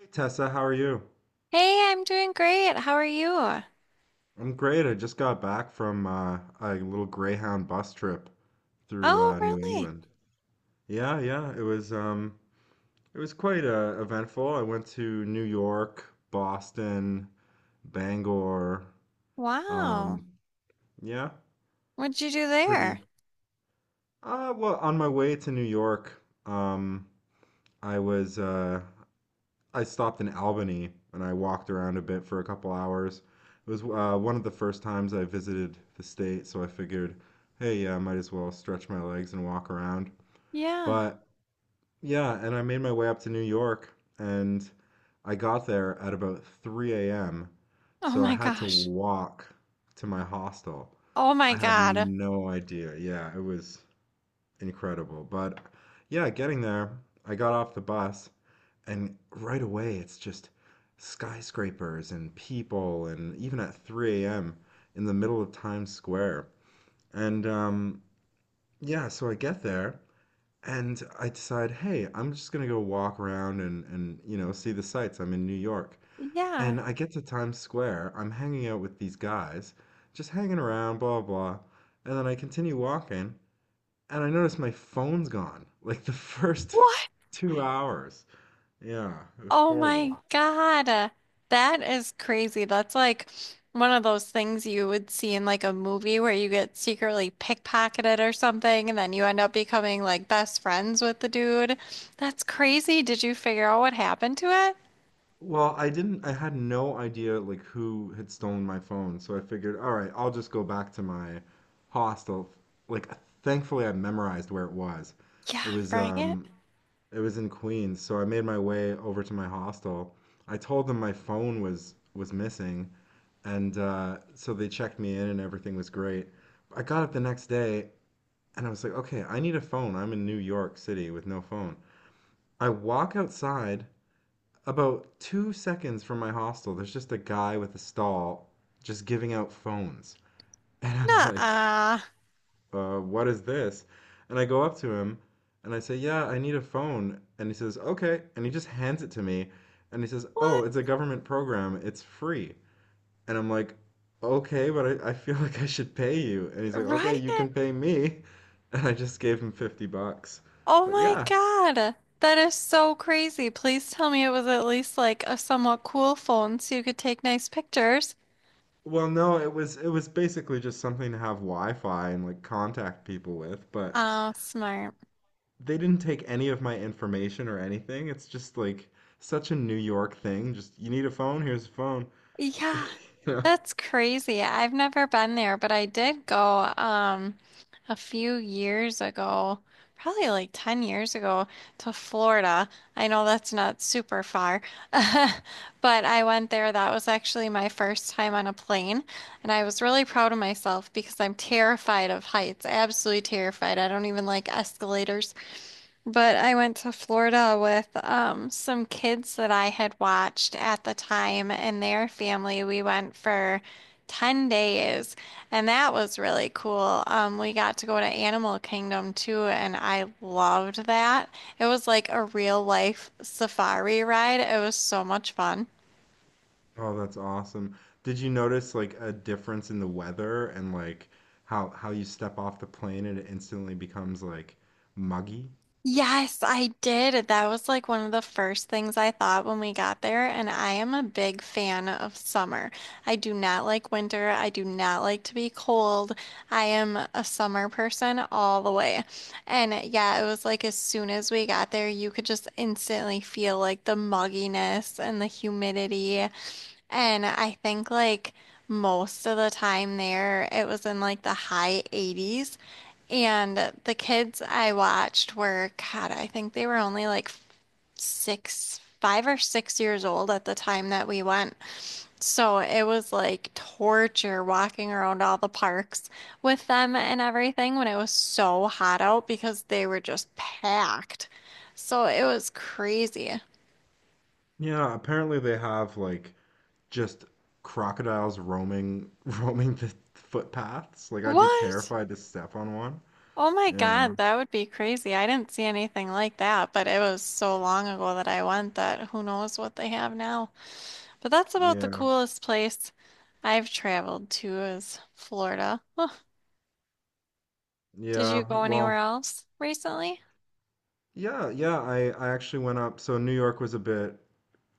Hey Tessa, how are you? Hey, I'm doing great. How are you? I'm great. I just got back from a little Greyhound bus trip through Oh, New really? England. Yeah, yeah, it was quite eventful. I went to New York, Boston, Bangor. Wow. Um, yeah, What'd you do it's pretty. there? Well, on my way to New York, I was uh, I stopped in Albany and I walked around a bit for a couple hours. It was one of the first times I visited the state, so I figured, hey, yeah, I might as well stretch my legs and walk around. Yeah. But yeah, and I made my way up to New York and I got there at about 3 a.m. Oh So I my had to gosh. walk to my hostel. Oh my I had God. no idea. Yeah, it was incredible. But yeah, getting there, I got off the bus and right away, it's just skyscrapers and people, and even at 3 a.m. in the middle of Times Square. And Yeah, so I get there and I decide, hey, I'm just gonna go walk around and see the sights. I'm in New York, Yeah. and I get to Times Square. I'm hanging out with these guys, just hanging around, blah blah, and then I continue walking, and I notice my phone's gone. Like the first What? 2 hours. Yeah, it was Oh my horrible. God. That is crazy. That's like one of those things you would see in like a movie where you get secretly pickpocketed or something, and then you end up becoming like best friends with the dude. That's crazy. Did you figure out what happened to it? Well, I had no idea like who had stolen my phone, so I figured, all right, I'll just go back to my hostel. Like, thankfully, I memorized where it was. It Yeah, was, right. um, it was in Queens, so I made my way over to my hostel. I told them my phone was missing, and so they checked me in, and everything was great. I got up the next day, and I was like, okay, I need a phone. I'm in New York City with no phone. I walk outside about 2 seconds from my hostel, there's just a guy with a stall just giving out phones. And I'm like, Nuh-uh. What is this? And I go up to him and I say, yeah, I need a phone. And he says, okay. And he just hands it to me. And he says, oh, What? it's a government program. It's free. And I'm like, okay, I feel like I should pay you. And he's like, okay, you Right? can pay me. And I just gave him 50 bucks. Oh But my yeah. God. That is so crazy. Please tell me it was at least like a somewhat cool phone so you could take nice pictures. Well, no, it was basically just something to have Wi-Fi and like contact people with, but Oh, smart. they didn't take any of my information or anything. It's just like such a New York thing. Just you need a phone, here's a phone. Yeah, You know? that's crazy. I've never been there, but I did go a few years ago, probably like 10 years ago to Florida. I know that's not super far, but I went there. That was actually my first time on a plane, and I was really proud of myself because I'm terrified of heights. Absolutely terrified. I don't even like escalators. But I went to Florida with some kids that I had watched at the time and their family. We went for 10 days, and that was really cool. We got to go to Animal Kingdom too, and I loved that. It was like a real life safari ride. It was so much fun. Oh, that's awesome. Did you notice like a difference in the weather and like how you step off the plane and it instantly becomes like muggy? Yes, I did. That was like one of the first things I thought when we got there. And I am a big fan of summer. I do not like winter. I do not like to be cold. I am a summer person all the way. And yeah, it was like as soon as we got there, you could just instantly feel like the mugginess and the humidity. And I think like most of the time there, it was in like the high 80s. And the kids I watched were, God, I think they were only like 5 or 6 years old at the time that we went. So it was like torture walking around all the parks with them and everything when it was so hot out because they were just packed. So it was crazy. Yeah, apparently they have like just crocodiles roaming roaming the footpaths. Like I'd be What? terrified to step on one. Oh my Yeah. God, that would be crazy. I didn't see anything like that, but it was so long ago that I went that who knows what they have now. But that's about the Yeah. coolest place I've traveled to is Florida. Did you Yeah. go anywhere Well, else recently? yeah, yeah. I actually went up. So New York was a bit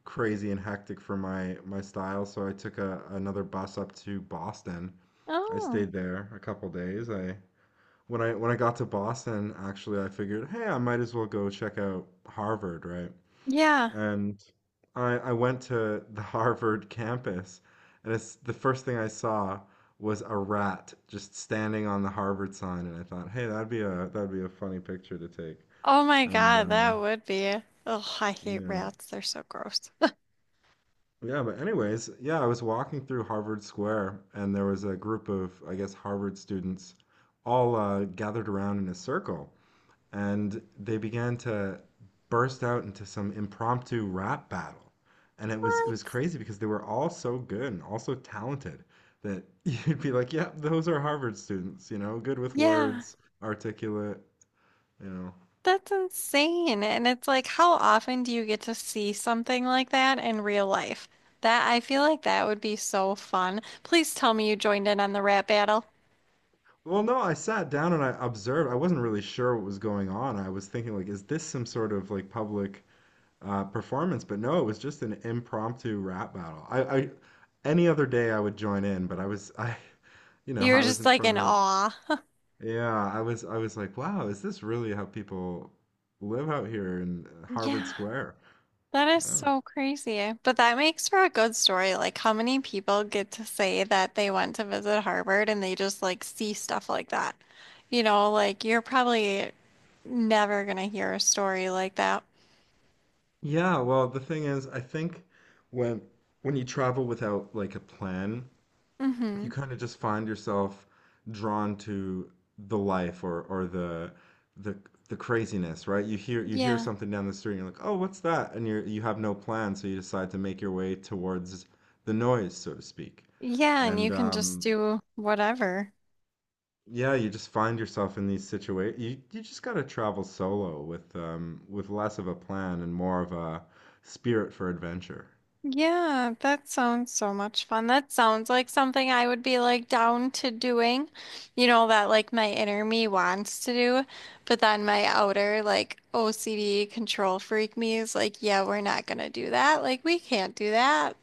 crazy and hectic for my style, so I took a another bus up to Boston. I Oh, stayed there a couple days. I when I when I got to Boston, actually, I figured, hey, I might as well go check out Harvard, right? yeah. And I went to the Harvard campus, and it's the first thing I saw was a rat just standing on the Harvard sign, and I thought, hey, that'd be a funny picture to take. Oh my And God, that would be. Oh, I hate Yeah, rats. They're so gross. yeah. But anyways, yeah, I was walking through Harvard Square, and there was a group of, I guess, Harvard students all gathered around in a circle, and they began to burst out into some impromptu rap battle. And it was What? crazy because they were all so good and all so talented that you'd be like, yeah, those are Harvard students, you know, good with Yeah. words, articulate, you know." That's insane. And it's like, how often do you get to see something like that in real life? That I feel like that would be so fun. Please tell me you joined in on the rap battle. Well, no, I sat down and I observed. I wasn't really sure what was going on. I was thinking like, is this some sort of like public performance? But no, it was just an impromptu rap battle. I Any other day I would join in, but I was you know, You were I was just in like in front of. awe. Yeah, I was like, wow, is this really how people live out here in Harvard Yeah, Square? that is Oh. so crazy. But that makes for a good story. Like, how many people get to say that they went to visit Harvard and they just like see stuff like that? You know, like you're probably never gonna hear a story like that. Yeah, well, the thing is, I think when when you travel without like a plan, you Mm-hmm. kind of just find yourself drawn to the life or the the craziness, right? You hear Yeah. something down the street and you're like, "Oh, what's that?" And you have no plan, so you decide to make your way towards the noise, so to speak. Yeah, and you And can just do whatever. Yeah, you just find yourself in these situations. You just got to travel solo with less of a plan and more of a spirit for adventure. Yeah, that sounds so much fun. That sounds like something I would be like down to doing. You know, that like my inner me wants to do, but then my outer like OCD control freak me is like, yeah, we're not gonna do that. Like we can't do that.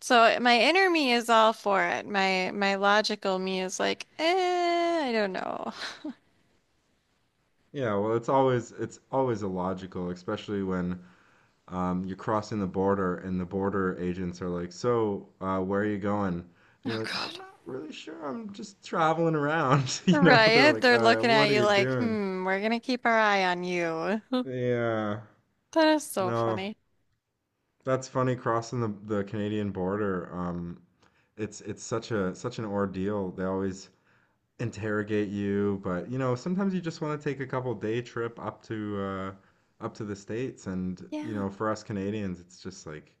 So my inner me is all for it. My logical me is like, eh, I don't know. Yeah, well, it's always illogical, especially when you're crossing the border and the border agents are like, "So, where are you going?" And Oh you're like, "I'm God. not really sure. I'm just traveling around." You know, they're Right, like, they're looking at what are you you like, doing?" hmm, we're gonna keep our eye on you. Yeah. That is so No, funny. that's funny crossing the Canadian border. It's such an ordeal. They always interrogate you, but you know, sometimes you just want to take a couple day trip up to up to the States and you Yeah. know, for us Canadians, it's just like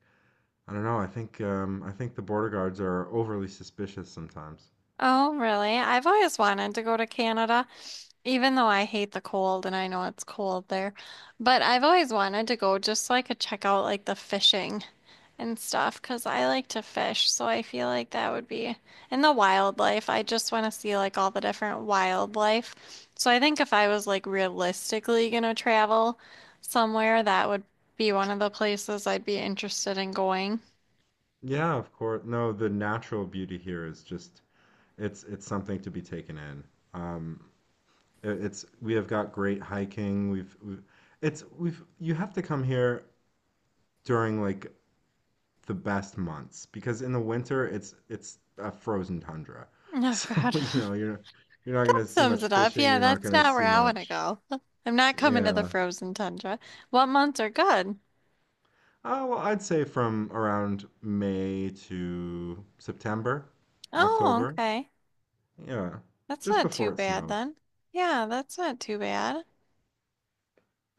I don't know, I think the border guards are overly suspicious sometimes. Oh, really? I've always wanted to go to Canada, even though I hate the cold and I know it's cold there. But I've always wanted to go just so I could check out like the fishing and stuff because I like to fish. So I feel like that would be in the wildlife. I just want to see like all the different wildlife. So I think if I was like realistically gonna travel somewhere, that would be one of the places I'd be interested in going. Yeah, of course. No, the natural beauty here is just it's something to be taken in. Um, It's We have got great hiking. We've you have to come here during like the best months because in the winter it's a frozen tundra. Oh, So, God. you know, you're not That gonna see sums much it up. fishing, Yeah, you're not that's gonna not where see I want to much. go. I'm not coming to the Yeah. frozen tundra. What months are good? Well, I'd say from around May to September, Oh, October. okay. Yeah. That's Just not too before it bad snows. then. Yeah, that's not too bad.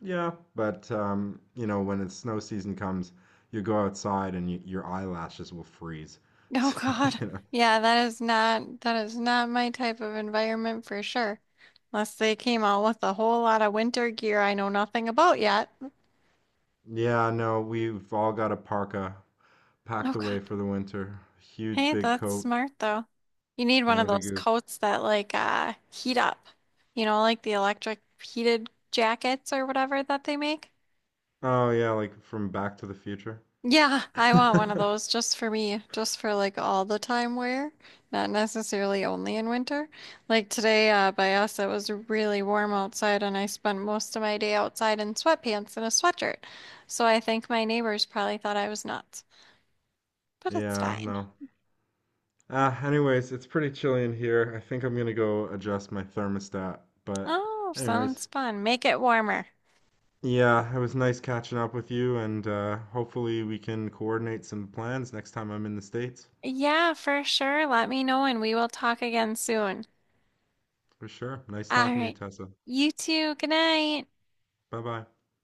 Yeah, but you know, when it's snow season comes, you go outside and y your eyelashes will freeze. Oh So, God. you know. Yeah, that is not my type of environment for sure. Unless they came out with a whole lot of winter gear I know nothing about yet. Yeah, no, we've all got a parka packed Okay. away for the winter. Huge Hey, big that's coat, smart though. You need one of Canada those Goose. coats that like heat up. You know, like the electric heated jackets or whatever that they make. Oh yeah, like from Back to the Future. Yeah, I want one of those just for me, just for like all the time wear, not necessarily only in winter. Like today by us it was really warm outside and I spent most of my day outside in sweatpants and a sweatshirt. So I think my neighbors probably thought I was nuts, but it's Yeah, fine. no. Anyways, it's pretty chilly in here. I think I'm gonna go adjust my thermostat. But Oh, anyways, sounds fun. Make it warmer. yeah, it was nice catching up with you, and hopefully we can coordinate some plans next time I'm in the States. Yeah, for sure. Let me know and we will talk again soon. For sure. Nice All talking to you, right. Tessa. You too. Good night. Bye bye.